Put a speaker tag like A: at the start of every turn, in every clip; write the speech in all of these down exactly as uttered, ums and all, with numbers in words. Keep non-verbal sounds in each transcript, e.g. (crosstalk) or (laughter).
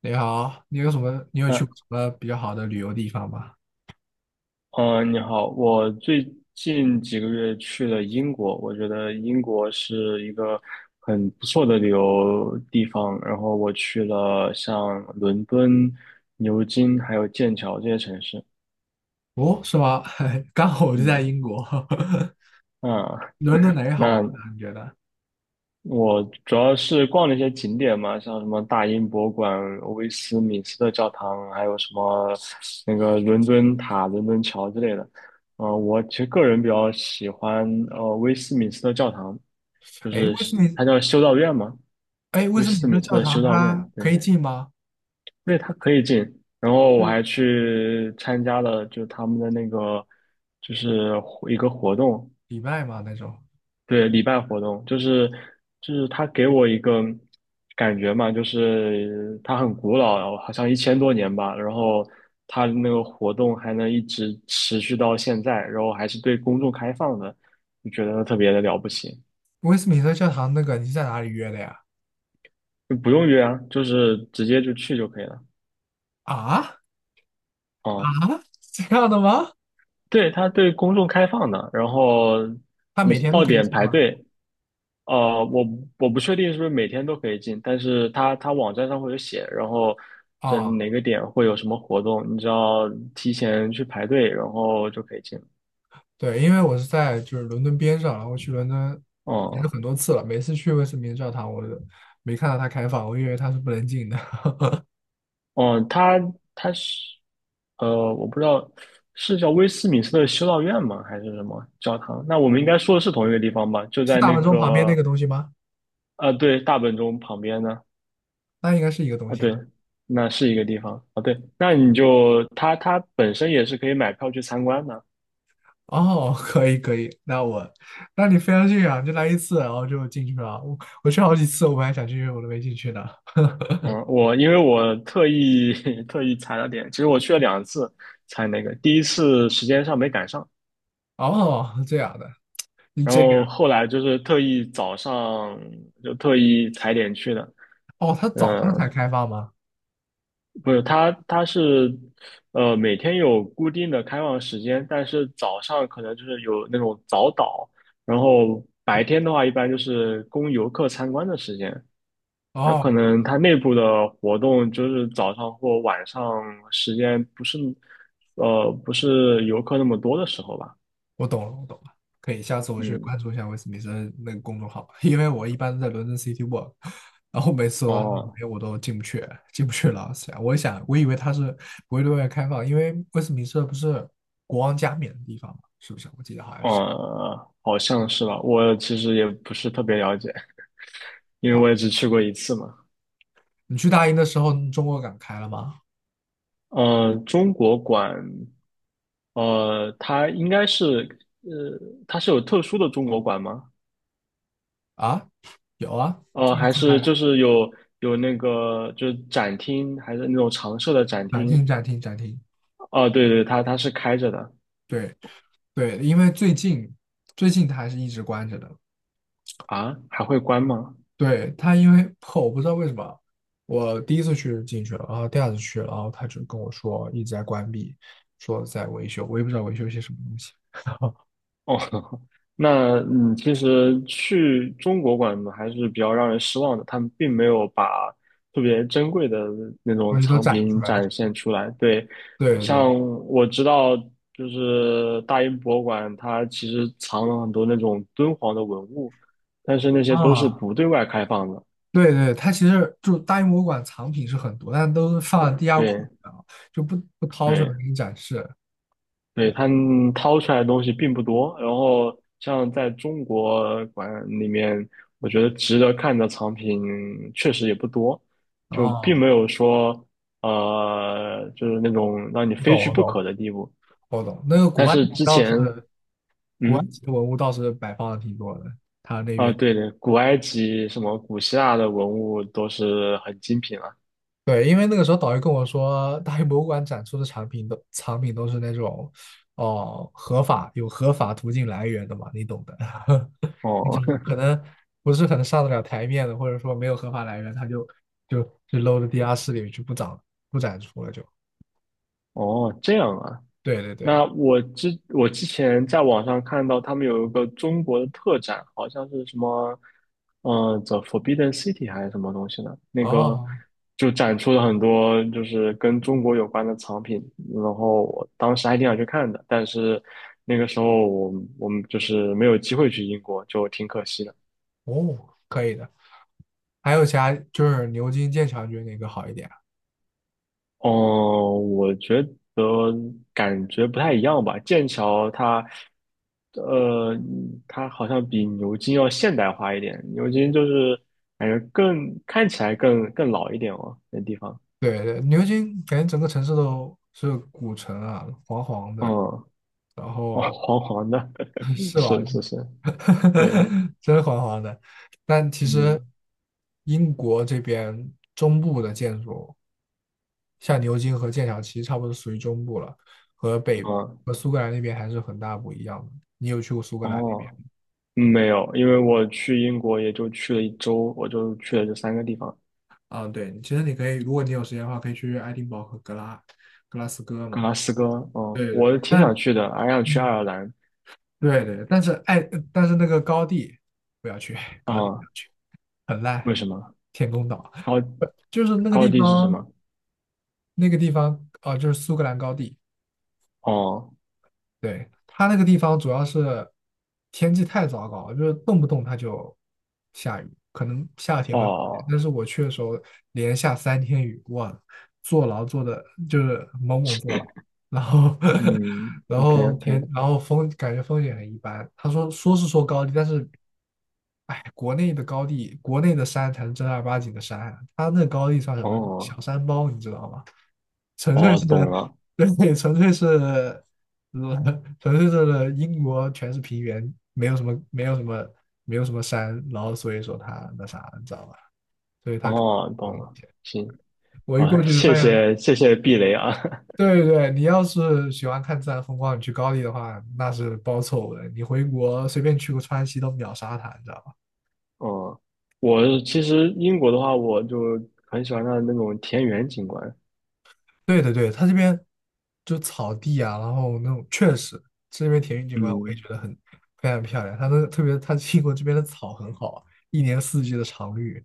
A: 你好，你有什么？你有去过
B: 嗯
A: 什么比较好的旅游地方吗？
B: 呃，你好，我最近几个月去了英国，我觉得英国是一个很不错的旅游地方。然后我去了像伦敦、牛津还有剑桥这些城市。
A: 哦，是吗？(laughs) 刚好我就在
B: 嗯，
A: 英国，(laughs)
B: 啊，
A: 伦敦哪里
B: 那
A: 好玩呢？你觉得？
B: 我主要是逛了一些景点嘛，像什么大英博物馆、威斯敏斯特教堂，还有什么那个伦敦塔、伦敦桥之类的。呃，我其实个人比较喜欢呃威斯敏斯特教堂，就
A: 哎，
B: 是
A: 威斯敏，
B: 它叫修道院嘛，
A: 哎，威
B: 威
A: 斯
B: 斯
A: 敏特
B: 敏斯
A: 教
B: 特修
A: 堂
B: 道院，
A: 它
B: 对，
A: 可
B: 因
A: 以进吗？
B: 为它可以进。然后我还
A: 是
B: 去参加了就他们的那个就是一个活动，
A: 礼拜吗？那种？
B: 对，礼拜活动就是就是他给我一个感觉嘛，就是它很古老，好像一千多年吧，然后它那个活动还能一直持续到现在，然后还是对公众开放的，就觉得特别的了不起，
A: 威斯敏特教堂那个你是在哪里约的呀？
B: 就不用约啊，就是直接就去就可以了。
A: 啊啊，
B: 啊，
A: 这样的吗？
B: 对，它对公众开放的，然后
A: 它
B: 你
A: 每天都
B: 到
A: 可以
B: 点
A: 进
B: 排
A: 吗？
B: 队，呃，我我不确定是不是每天都可以进，但是它它网站上会有写，然后这哪
A: 啊，
B: 个点会有什么活动，你只要提前去排队，然后就可以进。
A: 对，因为我是在就是伦敦边上，然后去伦敦其实
B: 哦、
A: 很多次了，每次去威斯敏特教堂我都没看到它开放，我以为它是不能进的。
B: 哦、它它是呃，我不知道是叫威斯敏斯特修道院吗，还是什么教堂？那我们应该说的是同一个地方吧？就
A: 是
B: 在
A: 大
B: 那
A: 门钟旁边那
B: 个
A: 个东西吗？
B: 呃，对，大本钟旁边呢。
A: 那应该是一个东
B: 啊，
A: 西啊。
B: 对，那是一个地方啊。对，那你就它它本身也是可以买票去参观的。
A: 哦，(laughs) 可以可以，那我，那你非要去啊？就来一次，然后就进去了。我我去好几次，我本来想进去，我都没进去呢。
B: 嗯，我因为我特意 (laughs) 特意踩了点，其实我去了两次才那个，第一次时间上没赶上，
A: 哦，这样的，你
B: 然
A: 这个人
B: 后后来就是特意早上就特意踩点去的。
A: 哦，他早
B: 嗯，
A: 上才开放吗？
B: 不是，它它是呃每天有固定的开放时间，但是早上可能就是有那种早岛，然后白天的话一般就是供游客参观的时间。它可
A: 哦，
B: 能它内部的活动就是早上或晚上时间不是，呃，不是游客那么多的时候吧？
A: 我懂了，我懂了，可以，下次我去
B: 嗯，
A: 关注一下威斯敏森那个公众号，因为我一般在伦敦 City Walk,然后每次到他们里
B: 哦，
A: 面我都进不去，进不去了。想我想，我以为他是不会对外开放，因为威斯敏斯不是国王加冕的地方嘛，是不是？我记得好像是。
B: 呃，好像是吧。我其实也不是特别了解，因为我也
A: 好，
B: 只去过一次嘛。
A: 你去大英的时候，中国馆开了吗？
B: 呃，中国馆，呃，它应该是，呃，它是有特殊的中国馆吗？
A: 啊，有啊，
B: 呃，
A: 就是
B: 还是
A: 在
B: 就是有有那个就是展厅，还是那种常设的展
A: 展
B: 厅？
A: 厅、展厅、展厅。
B: 哦，对对，它它是开着的。
A: 对对，因为最近最近它还是一直关着的，
B: 啊，还会关吗？
A: 对，他因为 (laughs) 我不知道为什么，我第一次去进去了，然后第二次去了，然后他就跟我说一直在关闭，说在维修，我也不知道维修些什么东西，(laughs) 然后
B: 哦，(laughs) 那嗯，其实去中国馆呢还是比较让人失望的，他们并没有把特别珍贵的那种
A: 东西都
B: 藏
A: 展出
B: 品
A: 来。
B: 展现出来。对，
A: 对对
B: 像我知道，就是大英博物馆，它其实藏了很多那种敦煌的文物，但是那些都是
A: 啊，
B: 不对外开放的。
A: 对对，它其实就大英博物馆藏品是很多，但都是放在地下库
B: 对
A: 里的啊就不不掏出来
B: 对，
A: 给你展示。
B: 对，
A: 对，
B: 他们掏出来的东西并不多，然后像在中国馆里面，我觉得值得看的藏品确实也不多，就并没
A: 啊，
B: 有说呃，就是那种让你
A: 我懂
B: 非去
A: 我
B: 不
A: 懂
B: 可的地步。
A: 我懂，那个古
B: 但
A: 埃及
B: 是之
A: 倒是
B: 前，
A: 古埃
B: 嗯，
A: 及的文物倒是摆放的挺多的，他那
B: 啊，
A: 边。
B: 对对，古埃及什么古希腊的文物都是很精品了。
A: 对，因为那个时候导游跟我说，大英博物馆展出的产品都藏品都是那种，哦，合法有合法途径来源的嘛，你懂的，(laughs) 那种
B: 哦
A: 可能不是很上得了台面的，或者说没有合法来源，他就就就搂 o 地下室里面去不展不展出了就，
B: (laughs) 哦，这样啊。
A: 对对对，
B: 那我之我之前在网上看到他们有一个中国的特展，好像是什么，嗯、t h e Forbidden City 还是什么东西呢？那个
A: 哦
B: 就展出了很多就是跟中国有关的藏品，然后我当时还挺想去看的，但是那个时候我我们就是没有机会去英国，就挺可惜的。
A: 哦，可以的。还有其他就是牛津、剑桥，你觉得哪个好一点啊
B: 哦，我觉得感觉不太一样吧。剑桥它，呃，它好像比牛津要现代化一点。牛津就是感觉更看起来更更老一点哦，那地方。
A: 对对，牛津感觉整个城市都是古城啊，黄黄
B: 嗯，
A: 的，
B: 哦，
A: 然后
B: 黄黄的，
A: (laughs)
B: (laughs)
A: 是吧？
B: 是是是，对，
A: (laughs) 真黄黄的。但其
B: 嗯，
A: 实英国这边中部的建筑，像牛津和剑桥，其实差不多属于中部了，和北
B: 嗯，
A: 和苏格兰那边还是很大不一样的。你有去过苏格兰那边？
B: 哦，嗯没有，因为我去英国也就去了一周，我就去了这三个地方，
A: 啊，对，其实你可以，如果你有时间的话，可以去爱丁堡和格拉格拉斯哥
B: 格
A: 嘛。
B: 拉斯哥，嗯，
A: 对对对，
B: 我挺
A: 但
B: 想去的，还想去爱
A: 嗯，
B: 尔兰，
A: 对对，但是爱，但是那个高地不要去，高地不
B: 啊、
A: 要去，很烂，
B: 为什么？
A: 天空岛，
B: 然后。
A: (laughs) 就是那个
B: 高
A: 地
B: 地是什
A: 方。
B: 么？
A: 那个地方啊，就是苏格兰高地，
B: 哦
A: 对，它那个地方主要是天气太糟糕了就是动不动它就下雨，可能夏天会好一点，
B: 哦，
A: 但是我去的时候连下三天雨，哇，坐牢坐的就是猛猛坐牢，然后
B: 嗯
A: (laughs) 然
B: ，OK
A: 后天，
B: OK，
A: 然后风感觉风景很一般。他说说是说高地，但是哎，国内的高地，国内的山才是正儿八经的山啊，他那高地算什么小
B: 哦
A: 山包，你知道吗？纯粹
B: 哦，
A: 是，
B: 懂了，
A: 对，(laughs) 纯粹是，呃纯粹是英国全是平原，没有什么，没有什么，没有什么山，然后所以说它那啥，你知道吧？所以它可
B: 哦
A: 能有
B: 懂
A: 影
B: 了，
A: 响。
B: 行，
A: 我一
B: 好，
A: 过去就发
B: 谢
A: 现，
B: 谢谢谢避雷啊，
A: 对对，对，你要是喜欢看自然风光，你去高丽的话，那是包凑的。你回国随便去个川西都秒杀它，你知道吧？
B: (laughs) 哦，我其实英国的话，我就很喜欢它的那种田园景观，
A: 对的，对，它这边就草地啊，然后那种确实这边田园景观我也
B: 嗯，
A: 觉得很非常漂亮。它那特别，它英国这边的草很好啊一年四季的常绿。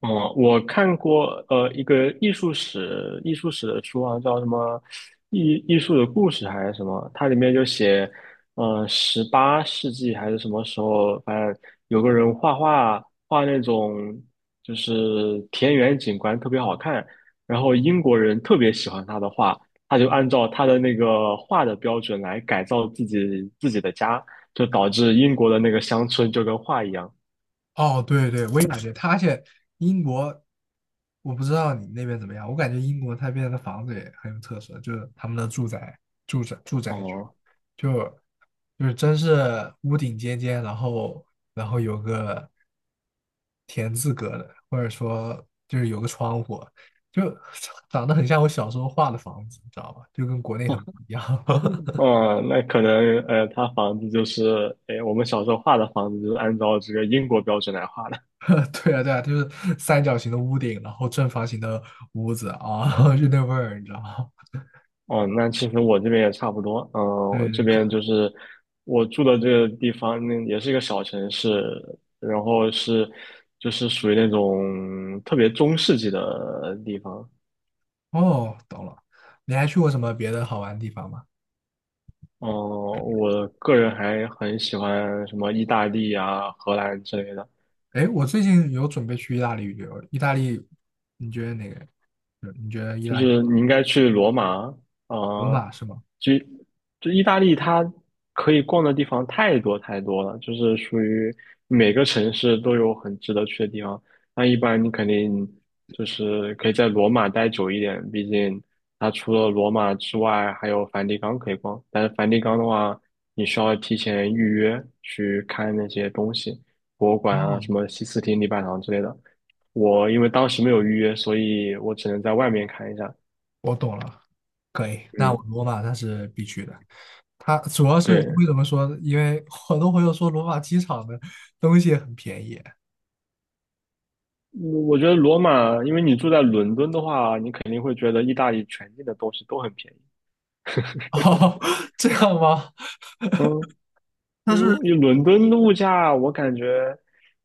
B: 哦，我看过呃一个艺术史艺术史的书啊，叫什么艺艺术的故事还是什么？它里面就写，呃，十八世纪还是什么时候，反正有个人画画画那种就是田园景观特别好看，然后英国人特别喜欢他的画，他就按照他的那个画的标准来改造自己自己的家，就导致英国的那个乡村就跟画一样。
A: 哦，对对，我也感觉他，而且英国，我不知道你们那边怎么样，我感觉英国那边的房子也很有特色，就是他们的住宅、住宅、住宅区，
B: 哦、
A: 就就是真是屋顶尖尖，然后然后有个田字格的，或者说就是有个窗户，就 (laughs) 长得很像我小时候画的房子，你知道吧？就跟国内很不一样。(laughs)
B: 哦，那可能呃，他房子就是，哎，我们小时候画的房子就是按照这个英国标准来画的。
A: (laughs) 对啊，对啊，就是三角形的屋顶，然后正方形的屋子啊，(laughs) 就那味儿，你知道吗？
B: 哦，那其实我这边也差不多。嗯，
A: (laughs) 对
B: 我这
A: 对，可
B: 边就是我住的这个地方，那也是一个小城市，然后是就是属于那种特别中世纪的地方。
A: 哦，懂了。你还去过什么别的好玩的地方吗？
B: 嗯，我个人还很喜欢什么意大利啊、荷兰之类的。
A: 哎，我最近有准备去意大利旅游，意大利，你觉得哪个？呃你觉得意
B: 就
A: 大利
B: 是你应该去罗马啊，
A: 罗
B: 呃
A: 马是吗？
B: 就就意大利，它可以逛的地方太多太多了，就是属于每个城市都有很值得去的地方。那一般你肯定就是可以在罗马待久一点，毕竟它除了罗马之外还有梵蒂冈可以逛。但是梵蒂冈的话，你需要提前预约去看那些东西，博物馆啊，
A: 哦，
B: 什么西斯廷礼拜堂之类的。我因为当时没有预约，所以我只能在外面看一下。
A: 我懂了，可以。那我
B: 嗯，
A: 罗马那是必去的。它主要是
B: 对，
A: 为什
B: 嗯
A: 么说因为很多朋友说罗马机场的东西很便宜。
B: 我觉得罗马，因为你住在伦敦的话，你肯定会觉得意大利全境的东西都很便宜。
A: (laughs) 哦，这样吗？
B: 嗯，因为因为伦敦的物价，我感觉，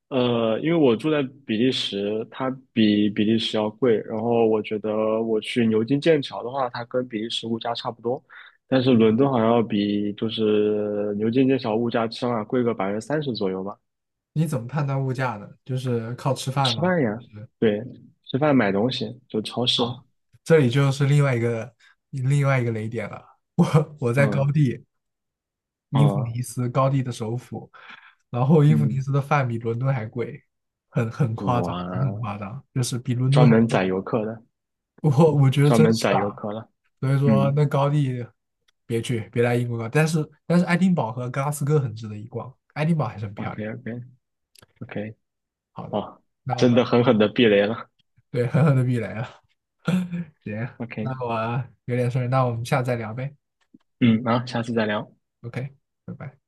B: 呃，因为我住在比利时，它比比利时要贵。然后我觉得我去牛津、剑桥的话，它跟比利时物价差不多，但是伦敦好像要比就是牛津、剑桥物价起码贵个百分之三十左右吧。
A: 你怎么判断物价呢？就是靠吃饭
B: 吃
A: 吗？
B: 饭
A: 就
B: 呀，
A: 是
B: 对，吃饭买东西就超市，
A: 好，这里就是另外一个另外一个雷点了。(laughs) 我我在高
B: 嗯
A: 地，英弗
B: 嗯。
A: 尼斯高地的首府，然后英弗尼
B: 嗯，
A: 斯的饭比伦敦还贵，很很夸张，真的很
B: 哇，
A: 夸张，就是比伦敦
B: 专
A: 还
B: 门宰游客的，
A: 我我觉得
B: 专
A: 真
B: 门
A: 是
B: 宰游
A: 啊。
B: 客了。
A: 所以说
B: 嗯
A: 那高地别去，别来英国搞。但是但是爱丁堡和格拉斯哥很值得一逛，爱丁堡还是很漂
B: ，OK
A: 亮。
B: OK OK，
A: 好的，
B: 哦，
A: 那我
B: 真
A: 到
B: 的狠狠的避雷了。
A: 对狠狠的避雷了。(laughs) 行，那
B: OK，
A: 我有点事儿那我们下次再聊呗。
B: 嗯，好，下次再聊。
A: OK,拜拜。